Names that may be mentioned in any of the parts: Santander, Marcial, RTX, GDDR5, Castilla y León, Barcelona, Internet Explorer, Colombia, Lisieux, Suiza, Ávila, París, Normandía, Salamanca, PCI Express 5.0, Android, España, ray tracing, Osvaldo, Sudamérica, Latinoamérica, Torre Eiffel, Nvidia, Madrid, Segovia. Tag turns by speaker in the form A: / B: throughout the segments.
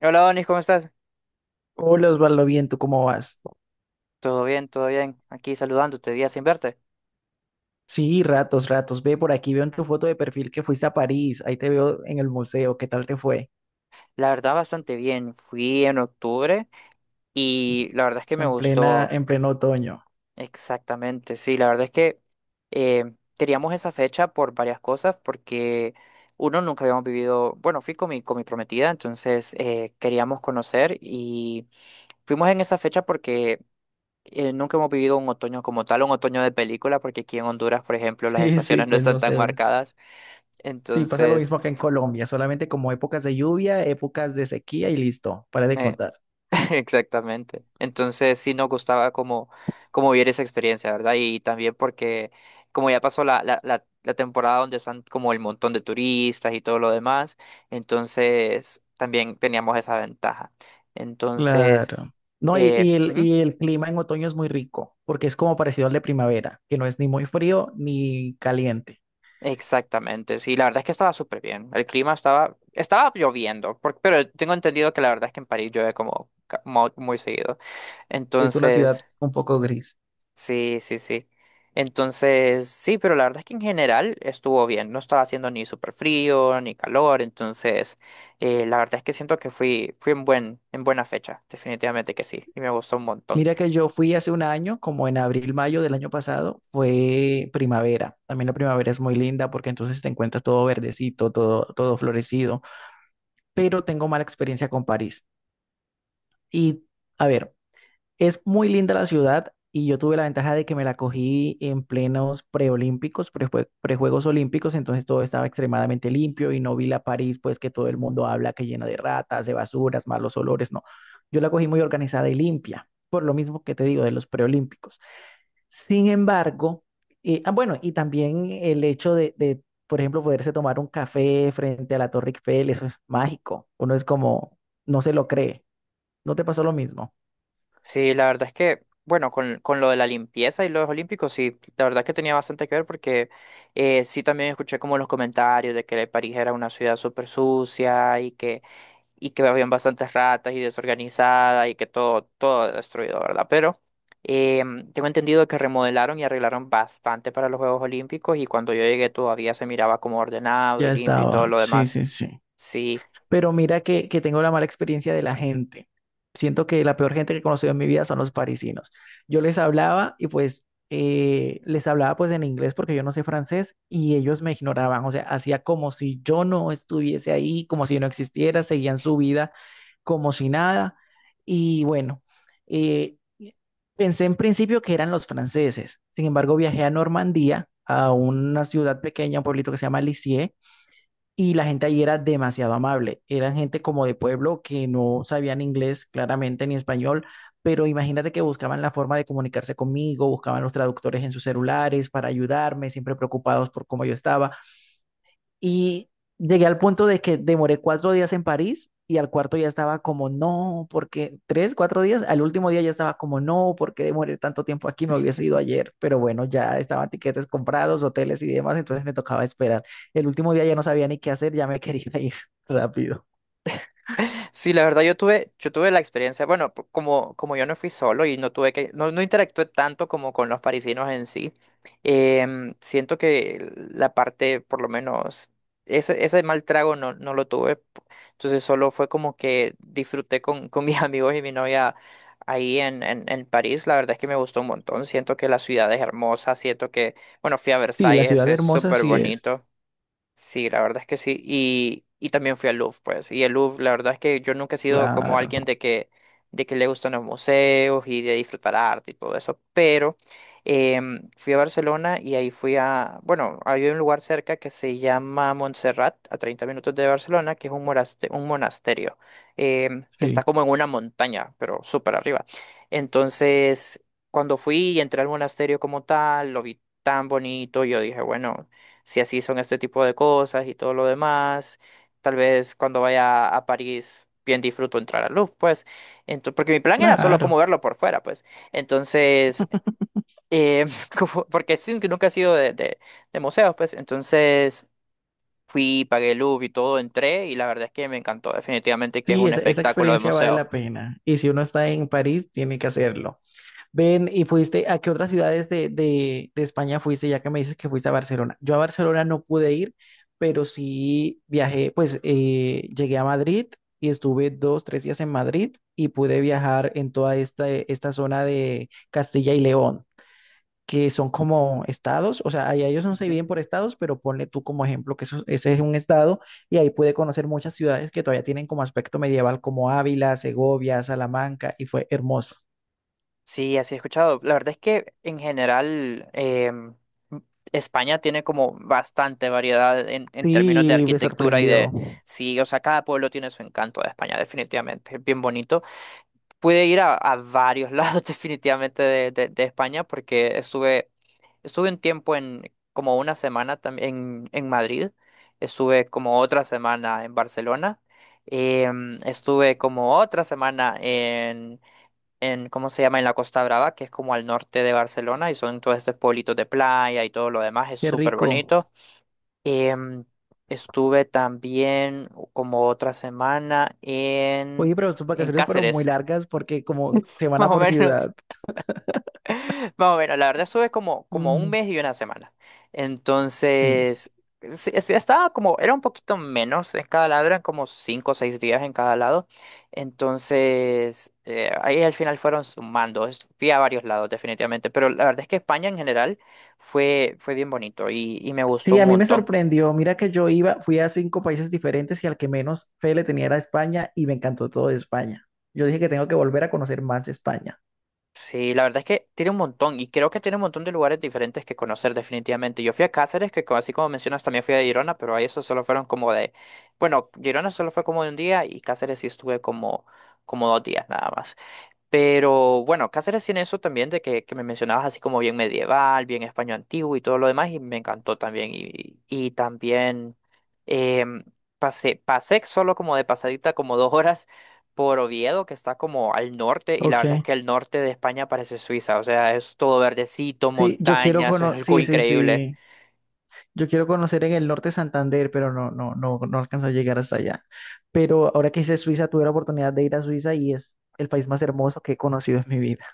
A: Hola, Donis, ¿cómo estás?
B: Hola Osvaldo, bien, ¿tú cómo vas?
A: Todo bien, todo bien. Aquí saludándote, día sin verte.
B: Sí, ratos, ratos. Ve por aquí, veo en tu foto de perfil que fuiste a París. Ahí te veo en el museo. ¿Qué tal te fue?
A: La verdad, bastante bien. Fui en octubre y la verdad es que me
B: En plena,
A: gustó.
B: en pleno otoño.
A: Exactamente. Sí, la verdad es que queríamos esa fecha por varias cosas, porque uno nunca habíamos vivido. Bueno, fui con mi prometida, entonces queríamos conocer y fuimos en esa fecha porque. Nunca hemos vivido un otoño como tal, un otoño de película, porque aquí en Honduras, por ejemplo, las
B: Sí, sí,
A: estaciones no
B: pues
A: están
B: no
A: tan
B: sé. Ve.
A: marcadas.
B: Sí, pasa lo
A: Entonces,
B: mismo que en Colombia, solamente como épocas de lluvia, épocas de sequía y listo, para de
A: eh,
B: contar.
A: exactamente. Entonces sí nos gustaba como, como vivir esa experiencia, ¿verdad? Y también porque como ya pasó la temporada donde están como el montón de turistas y todo lo demás, entonces también teníamos esa ventaja. Entonces,
B: Claro. No, y, y el,
A: ujú,
B: y el clima en otoño es muy rico, porque es como parecido al de primavera, que no es ni muy frío ni caliente.
A: exactamente, sí, la verdad es que estaba súper bien. El clima estaba lloviendo, pero tengo entendido que la verdad es que en París llueve como muy seguido.
B: Es una ciudad
A: Entonces.
B: un poco gris.
A: Sí, sí, sí. Entonces, sí, pero la verdad es que en general estuvo bien. No estaba haciendo ni súper frío ni calor. Entonces, la verdad es que siento que fui en en buena fecha. Definitivamente que sí. Y me gustó un montón.
B: Mira que yo fui hace un año, como en abril, mayo del año pasado, fue primavera. También la primavera es muy linda porque entonces te encuentras todo verdecito, todo, todo florecido, pero tengo mala experiencia con París. Y a ver, es muy linda la ciudad y yo tuve la ventaja de que me la cogí en plenos preolímpicos, prejuegos olímpicos, entonces todo estaba extremadamente limpio y no vi la París, pues que todo el mundo habla que llena de ratas, de basuras, malos olores, no. Yo la cogí muy organizada y limpia, por lo mismo que te digo de los preolímpicos. Sin embargo, ah, bueno, y también el hecho por ejemplo, poderse tomar un café frente a la Torre Eiffel, eso es mágico. Uno es como, no se lo cree. ¿No te pasó lo mismo?
A: Sí, la verdad es que, bueno, con lo de la limpieza y los olímpicos, sí, la verdad es que tenía bastante que ver porque sí también escuché como los comentarios de que París era una ciudad súper sucia y que habían bastantes ratas y desorganizada y que todo destruido, ¿verdad? Pero tengo entendido que remodelaron y arreglaron bastante para los Juegos Olímpicos y cuando yo llegué todavía se miraba como ordenado y
B: Ya
A: limpio y todo
B: estaba,
A: lo
B: sí,
A: demás.
B: sí, sí.
A: Sí.
B: Pero mira que tengo la mala experiencia de la gente. Siento que la peor gente que he conocido en mi vida son los parisinos. Yo les hablaba y pues les hablaba pues en inglés porque yo no sé francés y ellos me ignoraban. O sea, hacía como si yo no estuviese ahí, como si no existiera, seguían su vida como si nada. Y bueno, eh, pensé en principio que eran los franceses. Sin embargo, viajé a Normandía, a una ciudad pequeña, un pueblito que se llama Lisieux y la gente allí era demasiado amable. Eran gente como de pueblo que no sabían inglés claramente ni español, pero imagínate que buscaban la forma de comunicarse conmigo, buscaban los traductores en sus celulares para ayudarme, siempre preocupados por cómo yo estaba. Y llegué al punto de que demoré 4 días en París y al cuarto ya estaba como, no, porque tres, cuatro días, al último día ya estaba como, no, porque demoré tanto tiempo aquí, me hubiese ido ayer, pero bueno, ya estaban tiquetes comprados, hoteles y demás, entonces me tocaba esperar. El último día ya no sabía ni qué hacer, ya me quería ir rápido.
A: Sí, la verdad yo tuve la experiencia, bueno, como, como yo no fui solo y no tuve que, no, no interactué tanto como con los parisinos en sí, siento que la parte, por lo menos, ese mal trago no, no lo tuve, entonces solo fue como que disfruté con mis amigos y mi novia ahí en París, la verdad es que me gustó un montón, siento que la ciudad es hermosa, siento que, bueno, fui a
B: Sí, la
A: Versalles,
B: ciudad
A: es
B: hermosa
A: súper
B: sí es.
A: bonito. Sí, la verdad es que sí. Y también fui al Louvre, pues. Y el Louvre, la verdad es que yo nunca he sido como
B: Claro,
A: alguien de que le gustan los museos y de disfrutar arte y todo eso. Pero fui a Barcelona y ahí fui a, bueno, hay un lugar cerca que se llama Montserrat, a 30 minutos de Barcelona, que es un monasterio que está
B: sí,
A: como en una montaña, pero súper arriba. Entonces, cuando fui y entré al monasterio como tal, lo vi tan bonito, yo dije, bueno, si así son este tipo de cosas y todo lo demás. Tal vez cuando vaya a París bien disfruto entrar a Louvre, pues. Porque mi plan era solo como
B: claro.
A: verlo por fuera, pues. Entonces, eh, porque sí, que nunca he sido de museos, pues. Entonces fui, pagué el Louvre y todo, entré y la verdad es que me encantó. Definitivamente que es
B: Sí,
A: un
B: esa
A: espectáculo de
B: experiencia vale
A: museo.
B: la pena. Y si uno está en París, tiene que hacerlo. Ven, ¿y fuiste a qué otras ciudades de España fuiste, ya que me dices que fuiste a Barcelona? Yo a Barcelona no pude ir, pero sí viajé, pues llegué a Madrid y estuve dos, tres días en Madrid y pude viajar en toda esta zona de Castilla y León, que son como estados, o sea, allá ellos no se
A: Ujú.
B: dividen por estados, pero ponle tú como ejemplo que ese es un estado y ahí pude conocer muchas ciudades que todavía tienen como aspecto medieval, como Ávila, Segovia, Salamanca, y fue hermoso.
A: Sí, así he escuchado. La verdad es que en general España tiene como bastante variedad en términos de
B: Sí, me
A: arquitectura y de.
B: sorprendió.
A: Sí, o sea, cada pueblo tiene su encanto de España, definitivamente. Es bien bonito. Pude ir a varios lados definitivamente de España porque estuve un tiempo como una semana también en Madrid. Estuve como otra semana en Barcelona. Estuve como otra semana en, ¿cómo se llama? En la Costa Brava, que es como al norte de Barcelona, y son todos estos pueblitos de playa y todo lo demás, es
B: Qué
A: súper
B: rico.
A: bonito. Em, Estuve también como otra semana en,
B: Oye, pero tus
A: en
B: vacaciones fueron muy
A: Cáceres,
B: largas porque como
A: más
B: semana
A: o
B: por
A: menos.
B: ciudad.
A: Más o menos, la verdad eso es como, como un
B: Mm,
A: mes y una semana.
B: sí.
A: Entonces, sí, sí, estaba como, era un poquito menos en cada lado, eran como 5 o 6 días en cada lado. Entonces, ahí al final fueron sumando, fui a varios lados definitivamente, pero la verdad es que España en general fue bien bonito y me gustó
B: Sí,
A: un
B: a mí me
A: montón.
B: sorprendió. Mira que yo iba, fui a cinco países diferentes y al que menos fe le tenía era a España y me encantó todo de España. Yo dije que tengo que volver a conocer más de España.
A: Sí, la verdad es que tiene un montón y creo que tiene un montón de lugares diferentes que conocer definitivamente. Yo fui a Cáceres, así como mencionas también fui a Girona, pero ahí eso solo fueron como de, bueno, Girona solo fue como de un día y Cáceres sí estuve como, como 2 días nada más. Pero bueno, Cáceres tiene eso también de que me mencionabas así como bien medieval, bien español antiguo y todo lo demás, y me encantó también. Y también em, pasé solo como de pasadita como 2 horas por Oviedo, que está como al norte, y la
B: Ok.
A: verdad es que el norte de España parece Suiza, o sea, es todo verdecito,
B: Sí, yo quiero
A: montañas, es
B: conocer,
A: algo
B: sí, sí,
A: increíble.
B: sí. Yo quiero conocer en el norte Santander, pero no, no, no, no alcanzó a llegar hasta allá. Pero ahora que hice Suiza, tuve la oportunidad de ir a Suiza y es el país más hermoso que he conocido en mi vida.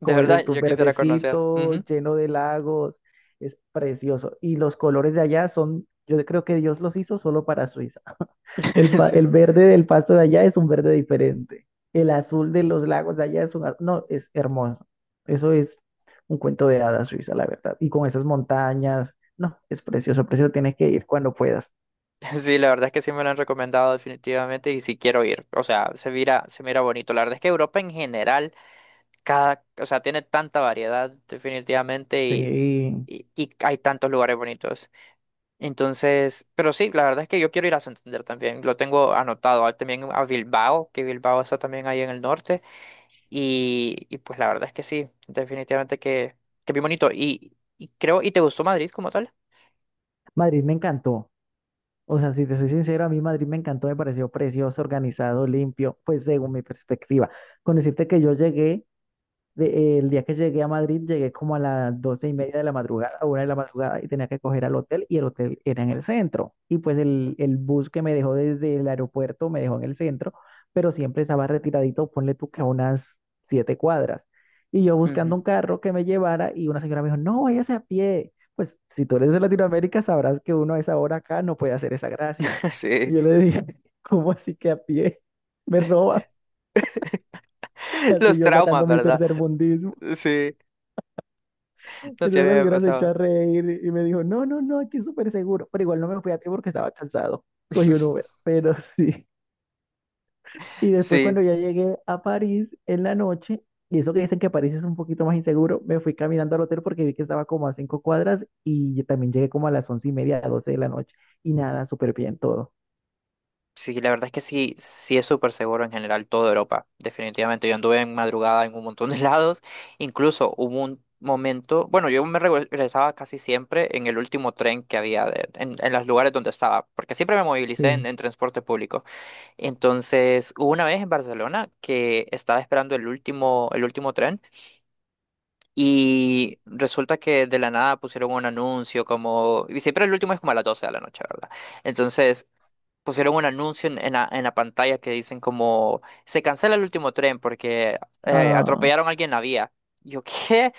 A: De
B: Como dices
A: verdad,
B: tú,
A: yo quisiera conocer.
B: verdecito,
A: Ujú.
B: lleno de lagos, es precioso. Y los colores de allá son, yo creo que Dios los hizo solo para Suiza. El verde del pasto de allá es un verde diferente. El azul de los lagos de allá es un, no, es hermoso. Eso es un cuento de hadas Suiza, la verdad. Y con esas montañas, no, es precioso, precioso, tienes que ir cuando puedas.
A: Sí, la verdad es que sí me lo han recomendado definitivamente y sí quiero ir. O sea, se mira bonito. La verdad es que Europa en general, cada, o sea, tiene tanta variedad definitivamente y,
B: Sí,
A: y, y hay tantos lugares bonitos. Entonces, pero sí, la verdad es que yo quiero ir a Santander también. Lo tengo anotado. Ah, también a Bilbao, que Bilbao está también ahí en el norte. Y pues la verdad es que sí, definitivamente que bien bonito. Y creo, ¿y te gustó Madrid como tal?
B: Madrid me encantó. O sea, si te soy sincero, a mí Madrid me encantó, me pareció precioso, organizado, limpio, pues según mi perspectiva. Con decirte que yo llegué el día que llegué a Madrid, llegué como a las 12:30 de la madrugada, a 1:00 de la madrugada, y tenía que coger al hotel, y el hotel era en el centro. Y pues el bus que me dejó desde el aeropuerto me dejó en el centro, pero siempre estaba retiradito, ponle tú que a unas 7 cuadras. Y yo
A: Ujú.
B: buscando un carro que me llevara, y una señora me dijo, no, váyase a pie. Pues si tú eres de Latinoamérica, sabrás que uno a esa hora acá no puede hacer esa gracia.
A: Sí,
B: Y yo le dije, ¿cómo así que a pie? Me roban. Así
A: los
B: yo
A: traumas,
B: sacando mi
A: ¿verdad?
B: tercer mundismo.
A: Sí. No sé, a
B: Entonces
A: mí
B: la
A: me
B: señora se echó
A: pasaba.
B: a reír y me dijo, no, no, no, aquí es súper seguro. Pero igual no me fui a tiempo porque estaba cansado. Cogí un Uber, pero sí. Y después cuando
A: Sí,
B: ya llegué a París en la noche, y eso que dicen que París es un poquito más inseguro, me fui caminando al hotel porque vi que estaba como a 5 cuadras y yo también llegué como a las 11:30, a 12:00 de la noche. Y nada, súper bien todo.
A: sí, la verdad es que sí, sí es súper seguro en general toda Europa, definitivamente. Yo anduve en madrugada en un montón de lados, incluso hubo un momento, bueno, yo me regresaba casi siempre en el último tren que había en los lugares donde estaba, porque siempre me movilicé en,
B: Sí.
A: en transporte público. Entonces, hubo una vez en Barcelona que estaba esperando el último tren y resulta que de la nada pusieron un anuncio como, y siempre el último es como a las 12 de la noche, ¿verdad? Entonces pusieron un anuncio en la pantalla que dicen como se cancela el último tren porque
B: Ah,
A: atropellaron a alguien en la vía. Yo, ¿qué?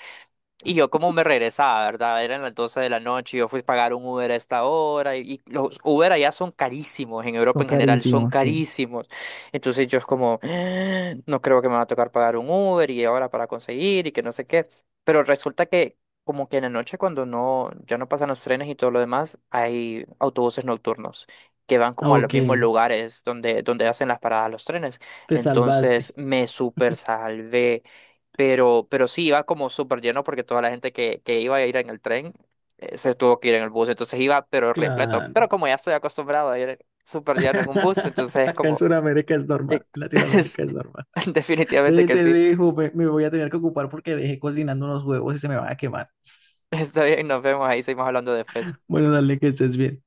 A: Y yo como me regresaba, ¿verdad? Eran las 12 de la noche, yo fui a pagar un Uber a esta hora y los Uber allá son carísimos, en Europa
B: son
A: en general son
B: carísimos, sí.
A: carísimos. Entonces yo es como, "Ah, no creo que me va a tocar pagar un Uber y ahora para conseguir y que no sé qué. Pero resulta que como que en la noche cuando no, ya no pasan los trenes y todo lo demás, hay autobuses nocturnos que van como a los
B: Ok,
A: mismos lugares donde hacen las paradas los trenes.
B: te
A: Entonces
B: salvaste.
A: me super salvé. Pero sí iba como súper lleno porque toda la gente que iba a ir en el tren se tuvo que ir en el bus. Entonces iba, pero repleto.
B: Claro.
A: Pero como ya estoy acostumbrado a ir súper lleno en un bus, entonces es
B: Acá en
A: como.
B: Sudamérica es normal,
A: es-
B: Latinoamérica es normal.
A: definitivamente que
B: Te
A: sí.
B: dejo, me voy a tener que ocupar porque dejé cocinando unos huevos y se me van a quemar.
A: Está bien, nos vemos ahí, seguimos hablando después.
B: Bueno, dale, que estés bien.